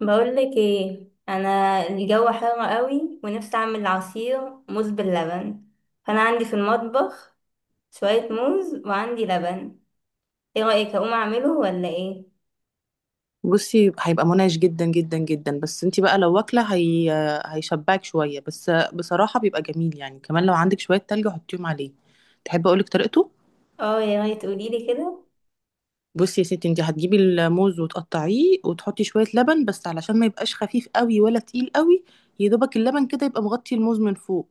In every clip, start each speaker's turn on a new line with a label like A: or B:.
A: بقولك ايه انا. الجو حر قوي ونفسي اعمل عصير موز باللبن، فانا عندي في المطبخ شوية موز وعندي لبن. ايه رأيك اقوم اعمله ولا ايه؟
B: بصي، هيبقى منعش جدا جدا جدا. بس انتي بقى لو واكله هي. هيشبعك شويه. بس بصراحه بيبقى جميل، يعني كمان لو عندك شويه تلج حطيهم عليه. تحب اقولك طريقته؟
A: اه يا ريت تقوليلي كده.
B: بصي يا ستي، انتي هتجيبي الموز وتقطعيه وتحطي شويه لبن، بس علشان ما يبقاش خفيف قوي ولا تقيل قوي، يا دوبك اللبن كده يبقى مغطي الموز من فوق.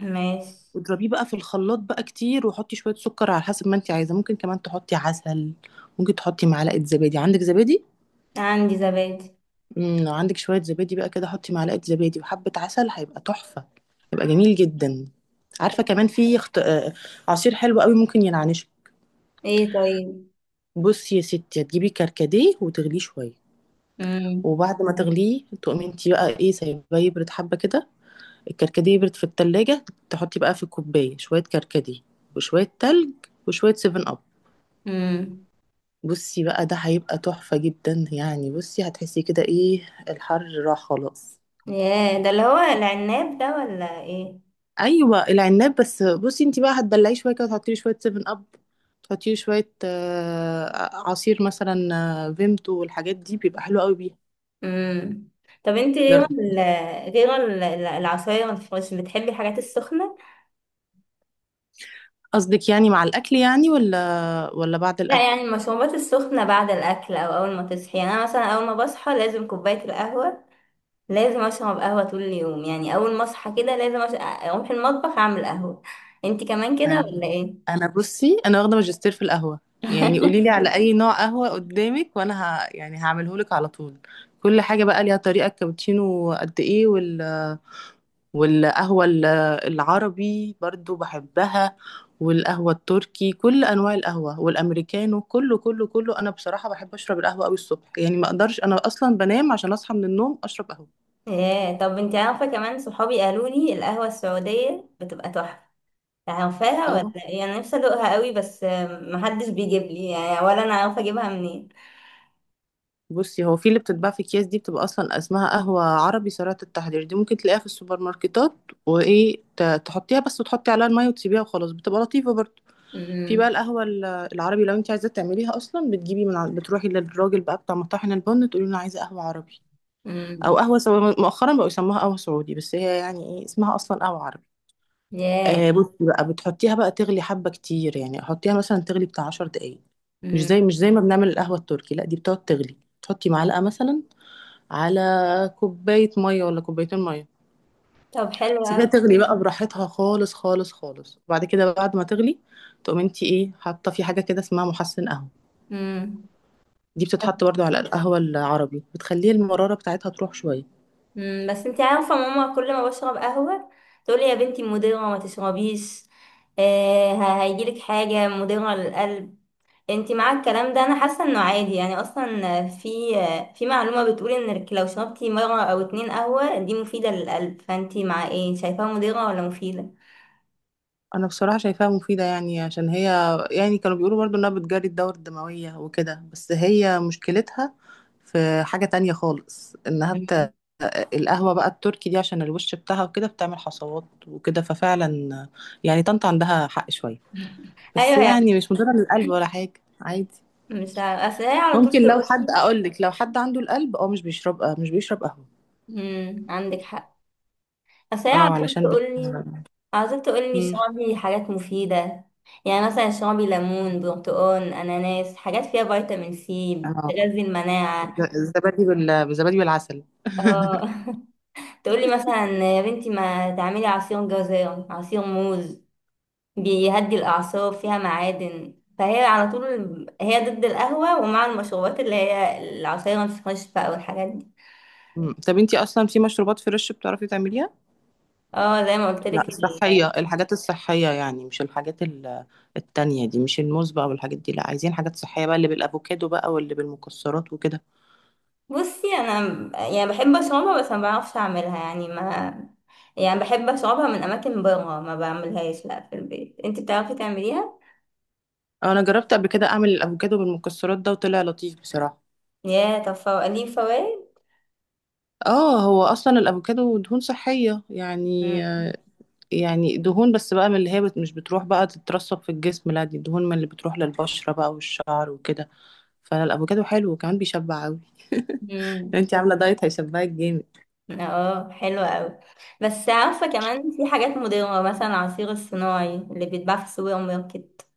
A: ماشي.
B: واضربيه بقى في الخلاط بقى كتير، وحطي شويه سكر على حسب ما انتي عايزه، ممكن كمان تحطي عسل، ممكن تحطي معلقه زبادي. عندك زبادي؟
A: عندي زبادي.
B: لو عندك شوية زبادي بقى كده، حطي معلقة زبادي وحبة عسل، هيبقى تحفة. هيبقى جميل جدا. عارفة كمان في خط... آه، آه، عصير حلو قوي ممكن ينعنشه.
A: ايه طيب.
B: بصي يا ستي، هتجيبي كركديه وتغليه شوية،
A: امم.
B: وبعد ما تغليه تقومي انتي بقى ايه، سايباه يبرد حبة كده. الكركديه يبرد في التلاجة، تحطي بقى في كوباية شوية كركديه، وشوية تلج، وشوية سيفن اب.
A: امم.
B: بصي بقى، ده هيبقى تحفة جدا. يعني بصي هتحسي كده ايه، الحر راح خلاص.
A: ياه، ده اللي هو العناب ده ولا ايه؟
B: ايوه، العناب. بس بصي انت بقى هتدلعيه شويه كده، تحطي له شويه 7 اب، تحطي له شويه عصير مثلا، فيمتو والحاجات دي، بيبقى حلو قوي بيها.
A: امم. طب انت غير
B: جر-
A: ال- غير ال- العصاير الفريش بتحبي الحاجات السخنة؟
B: قصدك يعني مع الاكل يعني، ولا بعد
A: لا يعني
B: الاكل؟
A: المشروبات السخنة بعد الأكل أو أول ما تصحي، يعني أنا مثلا أول ما بصحى لازم كوباية القهوة. لازم أشرب قهوة طول اليوم، يعني أول ما أصحى كده لازم أروح المطبخ أعمل قهوة. انتي كمان كده
B: انا.
A: ولا ايه؟
B: أنا بصي، واخده ماجستير في القهوه. يعني قولي لي على اي نوع قهوه قدامك وانا يعني هعمله لك على طول. كل حاجه بقى ليها طريقه. الكابتشينو قد ايه، والقهوة ال- العربي برضو بحبها، والقهوة التركي، كل أنواع القهوة والأمريكانو، كله. أنا بصراحة بحب أشرب القهوة أوي الصبح. يعني ما أقدرش، أنا أصلا بنام عشان أصحى من النوم أشرب قهوة.
A: ايه طب انتي عارفة كمان، صحابي قالوا لي القهوة السعودية بتبقى تحفة. عارفاها
B: اه،
A: ولا ايه؟ أنا نفسي أدوقها قوي، بس محدش بيجيب لي يعني، ولا أنا عارفة أجيبها منين.
B: بصي هو في اللي بتتباع في أكياس دي، بتبقى أصلا اسمها قهوة عربي سريعة التحضير، دي ممكن تلاقيها في السوبر ماركتات. وإيه، تحطيها بس وتحطي عليها المية وتسيبيها وخلاص، بتبقى لطيفة برضو. في بقى
A: أمم،
B: العربي، لو أنت عايزة تعمليها أصلا بتجيبي بتروحي للراجل بقى بتاع مطاحن البن، تقولي له أنا عايزة قهوة عربي، او
A: أمم،
B: قهوه سعودي. مؤخرا بقوا يسموها قهوه سعودي، بس هي يعني ايه، اسمها اصلا قهوه عربي.
A: ياه.
B: آه، بصي بقى بتحطيها بقى تغلي حبه كتير، يعني حطيها مثلا تغلي بتاع 10 دقائق. مش
A: أمم.
B: زي مش زي ما بنعمل القهوه التركي، لا دي بتقعد تغلي، تحطي معلقه مثلا على كوبايه ميه ولا كوبايتين ميه.
A: طب حلو
B: سيبيها
A: أوي.
B: تغلي بقى براحتها، خالص. وبعد كده، بعد ما تغلي، تقوم انت ايه حاطه في حاجه كده اسمها محسن قهوه.
A: أمم.
B: دي بتتحط برضو على القهوه العربي، بتخلي المراره بتاعتها تروح شويه.
A: مم، بس انت عارفة ماما كل ما بشرب قهوة تقولي يا بنتي مضرة ما تشربيش. آه هيجيلك حاجة مضرة للقلب. انت مع الكلام ده انا حاسة انه عادي، يعني اصلا في معلومة بتقول انك لو شربتي مرة او اتنين قهوة دي مفيدة للقلب، فانت مع ايه، شايفاها مضرة ولا مفيدة؟
B: انا بصراحه شايفاها مفيده، يعني عشان هي، يعني كانوا بيقولوا برضو انها بتجري الدورة الدمويه وكده، بس هي مشكلتها في حاجه تانية خالص، انها
A: مم.
B: بت... القهوه بقى التركي دي، عشان الوش بتاعها وكده بتعمل حصوات وكده، ففعلا يعني طنط عندها حق شويه. بس
A: ايوه يعني.
B: يعني مش مضره للقلب ولا حاجه. عادي.
A: مش عارفة، اصل هي على طول
B: ممكن لو حد،
A: تقولي.
B: اقول لك لو حد عنده القلب، اه مش بيشرب، آه مش بيشرب قهوه.
A: مم، عندك حق. اصل هي
B: اه
A: عاوزاك
B: علشان
A: تقولي، عاوزاك تقولي
B: مم.
A: اشربي حاجات مفيدة. يعني مثلا اشربي ليمون برتقال اناناس، حاجات فيها فيتامين سي
B: اه،
A: بتغذي المناعة.
B: الزبادي بالزبادي بالعسل
A: اه تقولي مثلا يا بنتي ما تعملي عصير جزر عصير موز بيهدي الاعصاب فيها معادن، فهي على طول هي ضد القهوة ومع المشروبات اللي هي العصير الفريش بقى والحاجات دي.
B: مم. طب انتي اصلا في مشروبات فريش بتعرفي تعمليها؟
A: اه زي ما قلت
B: لا
A: لك.
B: الصحيه، الحاجات الصحيه، يعني مش التانية دي، مش الموز بقى والحاجات دي، لا عايزين حاجات صحيه بقى، اللي بالافوكادو بقى واللي بالمكسرات وكده.
A: بصي انا يعني بحب اشربها بس ما بعرفش اعملها يعني ما، يعني بحب اشربها من اماكن بره، ما بعملهاش لا في البيت. انت بتعرفي تعمليها؟
B: انا جربت قبل كده اعمل الافوكادو بالمكسرات ده وطلع لطيف بصراحه.
A: يا طب ليه فوائد.
B: اه، هو اصلا الافوكادو دهون صحيه يعني.
A: مم.
B: يعني دهون، بس بقى من اللي هي مش بتروح بقى تترسب في الجسم، لا دي دهون من اللي بتروح للبشره بقى والشعر وكده. فالافوكادو حلو، وكمان بيشبع قوي.
A: امم.
B: انتي عامله دايت هيشبعك جامد.
A: اه حلوة قوي. بس عارفة كمان في حاجات مضرة مثلا العصير الصناعي اللي بيتباع في السوبر ماركت،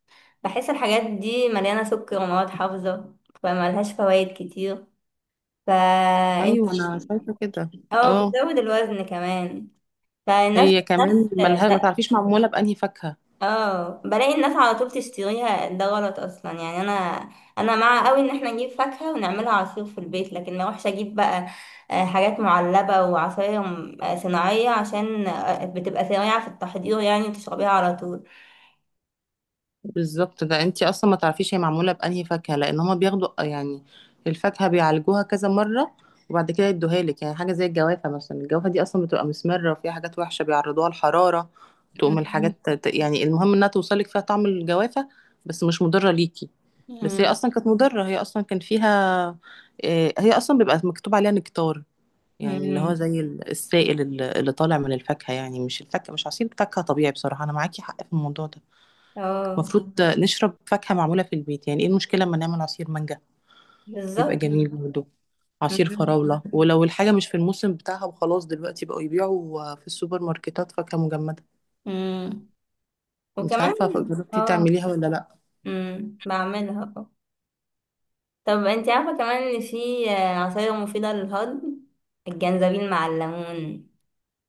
A: بحس الحاجات دي مليانة سكر ومواد حافظة فملهاش فوائد كتير. فانت،
B: ايوه انا شايفه كده.
A: اه
B: اه،
A: بتزود الوزن كمان. فالناس،
B: هي كمان ملها، ما
A: الناس،
B: تعرفيش معموله بانهي فاكهه.
A: اه بلاقي الناس على طول تشتريها، ده غلط اصلا يعني. انا مع قوي ان احنا نجيب فاكهة ونعملها عصير في البيت، لكن ما اروحش اجيب بقى حاجات معلبة وعصاير صناعية عشان بتبقى سريعة في التحضير يعني تشربيها على طول.
B: بالظبط، ده انتي اصلا ما تعرفيش هي معموله بانهي فاكهه، لان هما بياخدوا يعني الفاكهه بيعالجوها كذا مره، وبعد كده يدوها لك. يعني حاجه زي الجوافه مثلا، الجوافه دي اصلا بتبقى مسمره وفيها حاجات وحشه، بيعرضوها الحراره تقوم
A: مم.
B: الحاجات يعني المهم انها توصلك فيها طعم الجوافه، بس مش مضره ليكي. بس هي
A: مم.
B: اصلا كانت مضره، هي اصلا كان فيها، هي اصلا بيبقى مكتوب عليها نكتار، يعني اللي هو
A: امم
B: زي السائل اللي طالع من الفاكهة، يعني مش الفاكهة، مش عصير فاكهة طبيعي. بصراحة أنا معاكي حق في الموضوع ده.
A: اه
B: المفروض نشرب فاكهة معمولة في البيت. يعني إيه المشكلة أما نعمل عصير مانجا، يبقى
A: بالظبط.
B: جميل برضه. عصير
A: امم.
B: فراولة، ولو الحاجة مش في الموسم بتاعها وخلاص، دلوقتي بقوا يبيعوا في السوبر ماركتات فاكهة مجمدة.
A: أمم.
B: مش
A: وكمان
B: عارفة جربتي
A: اه.
B: تعمليها ولا لأ.
A: بعملها اه. طب انت عارفة كمان ان في عصاير مفيدة للهضم. الجنزبيل مع الليمون،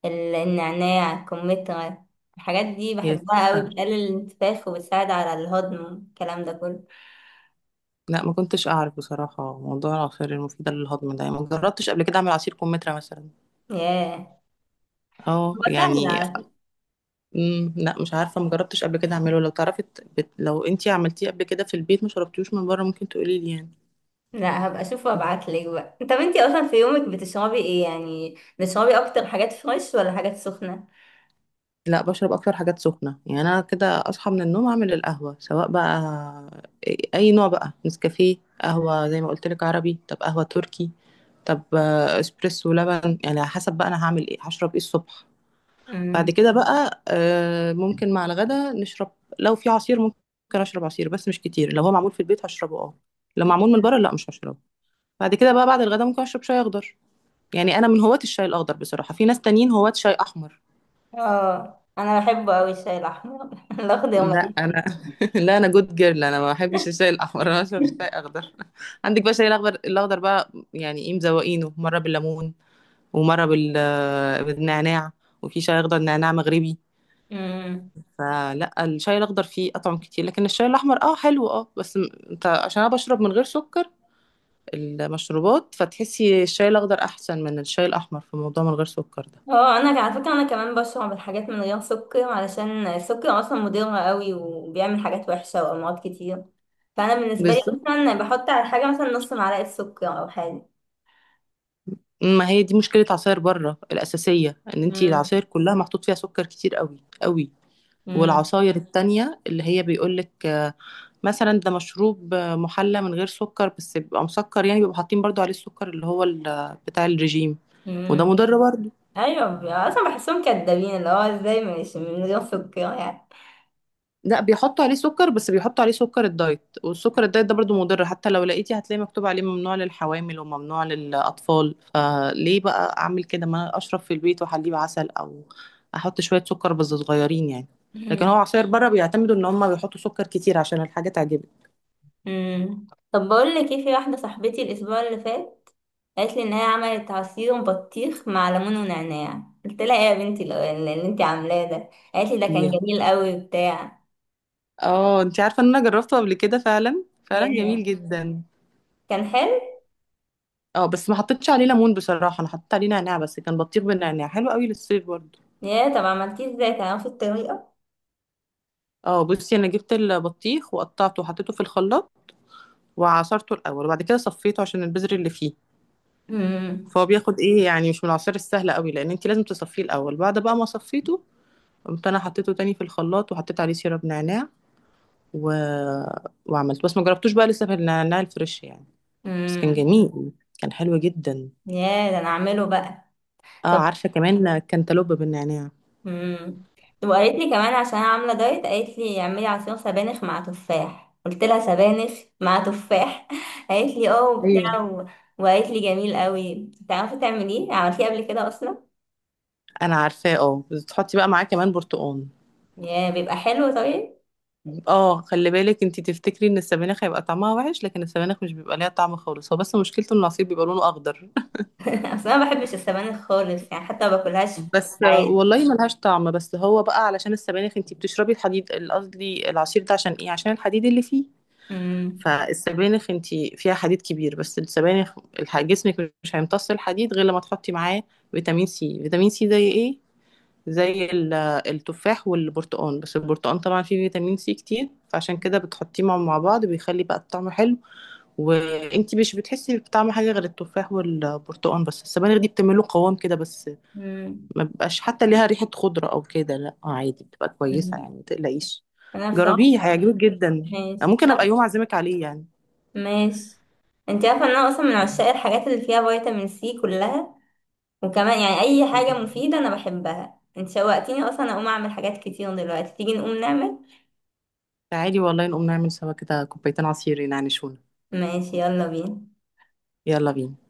A: النعناع، الكمثرى، الحاجات دي
B: يا سيدي
A: بحبها قوي،
B: خير.
A: بتقلل الانتفاخ وبتساعد على الهضم الكلام ده كله.
B: لا ما كنتش أعرف بصراحة موضوع العصير المفيدة للهضم ده، يعني ما جربتش قبل كده أعمل عصير كمثرى مثلا.
A: ياه.
B: اه
A: هو سهل
B: يعني،
A: على فكرة.
B: امم، لا مش عارفه، مجربتش قبل كده اعمله. لو تعرفي لو انتي عملتيه قبل كده في البيت ما شربتيهوش من بره، ممكن تقولي لي يعني.
A: لا هبقى اشوف وابعتلك بقى. طب انتي اصلا في يومك بتشربي ايه؟ يعني بتشربي اكتر حاجات فريش ولا حاجات سخنة؟
B: لا بشرب اكتر حاجات سخنه. يعني انا كده اصحى من النوم اعمل القهوه، سواء بقى اي نوع بقى، نسكافيه، قهوه زي ما قلت لك عربي، طب قهوه تركي، طب اسبريسو لبن، يعني على حسب بقى انا هعمل ايه، هشرب ايه الصبح. بعد
A: امم.
B: كده بقى، ممكن مع الغدا نشرب. لو في عصير ممكن اشرب عصير، بس مش كتير. لو هو معمول في البيت هشربه اه، لو معمول من بره لا مش هشربه. بعد كده بقى بعد الغدا ممكن اشرب شاي اخضر. يعني انا من هواة الشاي الاخضر بصراحه، في ناس تانيين هواة شاي احمر.
A: اه انا بحبه قوي الشاي الاحمر الاخضر
B: لا
A: ماليش
B: انا، لا انا جود جيرل، انا ما بحبش الشاي الاحمر، انا اشرب شاي اخضر. عندك بقى الشاي الاخضر، الاخضر بقى يعني ايه، مزوقينه مره بالليمون، ومره بال بالنعناع، وفي شاي اخضر نعناع مغربي.
A: فيه.
B: فلا، الشاي الاخضر فيه اطعم كتير، لكن الشاي الاحمر اه حلو اه، بس انت عشان انا بشرب من غير سكر المشروبات، فتحسي الشاي الاخضر احسن من الشاي الاحمر في موضوع من غير سكر ده.
A: اه انا على فكره انا كمان بشرب الحاجات من غير سكر علشان السكر اصلا مضر قوي وبيعمل حاجات وحشه وامراض كتير. فانا بالنسبه لي
B: بالظبط،
A: مثلا بحط على الحاجه مثلا نص معلقه سكر او حاجه.
B: ما هي دي مشكلة عصاير بره الأساسية، إن أنتي
A: امم.
B: العصاير كلها محطوط فيها سكر كتير قوي، قوي.
A: امم.
B: والعصاير التانية اللي هي بيقولك مثلا ده مشروب، محلى من غير سكر، بس بيبقى مسكر، يعني بيبقوا حاطين برضو عليه السكر اللي هو بتاع الرجيم، وده
A: امم.
B: مضر برضو.
A: ايوه، اصلا بحسهم كدابين، اللي هو ازاي مش من غير سكر يعني؟
B: لا بيحطوا عليه سكر، بس بيحطوا عليه سكر الدايت، والسكر الدايت ده برضو مضر، حتى لو لقيتي هتلاقي مكتوب عليه ممنوع للحوامل وممنوع للأطفال. فليه بقى أعمل كده، ما أنا أشرب في البيت وأحليه بعسل، أو أحط شوية سكر بس صغيرين يعني. لكن هو
A: مم.
B: عصير بره بيعتمدوا إن هما بيحطوا سكر كتير عشان الحاجة تعجبك.
A: مم. طب بقول لك ايه، في واحده صاحبتي الاسبوع اللي فات قالت لي ان هي عملت عصير بطيخ مع ليمون ونعناع. قلت لها ايه يا بنتي اللي انت عاملاه ده؟ قالت لي ده كان
B: yeah.
A: جميل قوي بتاع.
B: اه، انت عارفة إن أنا جربته قبل كده، فعلا فعلا جميل
A: ياه.
B: جدا.
A: كان حلو.
B: اه بس ما حطيتش عليه ليمون بصراحة، أنا حطيت عليه نعناع بس، كان بطيخ بالنعناع حلو قوي للصيف برضو.
A: ياه. طب عملتيه ازاي؟ كان نفس الطريقة؟
B: اه بصي، انا جبت البطيخ وقطعته وحطيته في الخلاط وعصرته الاول، وبعد كده صفيته عشان البذر اللي فيه.
A: امم.
B: فهو بياخد ايه يعني، مش من العصير السهل قوي لان انت لازم تصفيه الاول. بعد بقى ما صفيته، قمت انا حطيته تاني في الخلاط وحطيت عليه سيرب نعناع و... وعملته، بس ما جربتوش بقى لسه، في النعناع الفريش يعني. بس كان
A: امم.
B: جميل، كان حلو جدا.
A: ياه ده انا اعمله بقى.
B: اه،
A: طب.
B: عارفه كمان كانتالوب بالنعناع.
A: امم. طب وقالت لي كمان عشان انا عاملة دايت قالت لي اعملي عصير سبانخ مع تفاح. قلت لها سبانخ مع تفاح قالت لي اه
B: ايوه
A: وبتاع و... وقالت لي جميل قوي، تعرفي تعمليه؟ عملتيه قبل كده اصلا؟
B: انا عارفاه، اه بس تحطي بقى معاه كمان برتقال.
A: ياه بيبقى حلو طيب.
B: اه خلي بالك، انتي تفتكري ان السبانخ هيبقى طعمها وحش، لكن السبانخ مش بيبقى ليها طعم خالص، هو بس مشكلته ان العصير بيبقى لونه اخضر.
A: اصل انا ما بحبش السبانخ خالص يعني، حتى ما باكلهاش في
B: بس
A: العادي.
B: والله ملهاش طعم، بس هو بقى علشان السبانخ انتي بتشربي الحديد، قصدي العصير ده عشان ايه، عشان الحديد اللي فيه.
A: امم.
B: فالسبانخ انتي فيها حديد كبير، بس السبانخ جسمك مش هيمتص الحديد غير لما تحطي معاه فيتامين سي. فيتامين سي زي ايه، زي التفاح والبرتقال، بس البرتقال طبعا فيه فيتامين سي كتير، فعشان كده بتحطيه مع بعض، بيخلي بقى الطعم حلو، وانتي مش بتحسي بطعم حاجه غير التفاح والبرتقال، بس السبانخ دي بتعمله قوام كده بس.
A: امم.
B: ما بيبقاش حتى ليها ريحة خضرة أو كده، لا عادي بتبقى كويسة،
A: أمم.
B: يعني ما تقلقيش.
A: انا
B: جربيه
A: بصراحة.
B: هيعجبك جدا.
A: ماشي
B: ممكن أبقى
A: انا.
B: يوم أعزمك عليه يعني.
A: ماشي. انت عارفه ان انا اصلا من عشاق الحاجات اللي فيها فيتامين سي كلها، وكمان يعني اي حاجه مفيده انا بحبها. انت شوقتيني اصلا اقوم اعمل حاجات كتير دلوقتي. تيجي نقوم نعمل؟
B: تعالي والله، نقوم نعمل سوا كده كوبايتين عصير ينعنشونا.
A: ماشي. يلا بينا.
B: يلا بينا.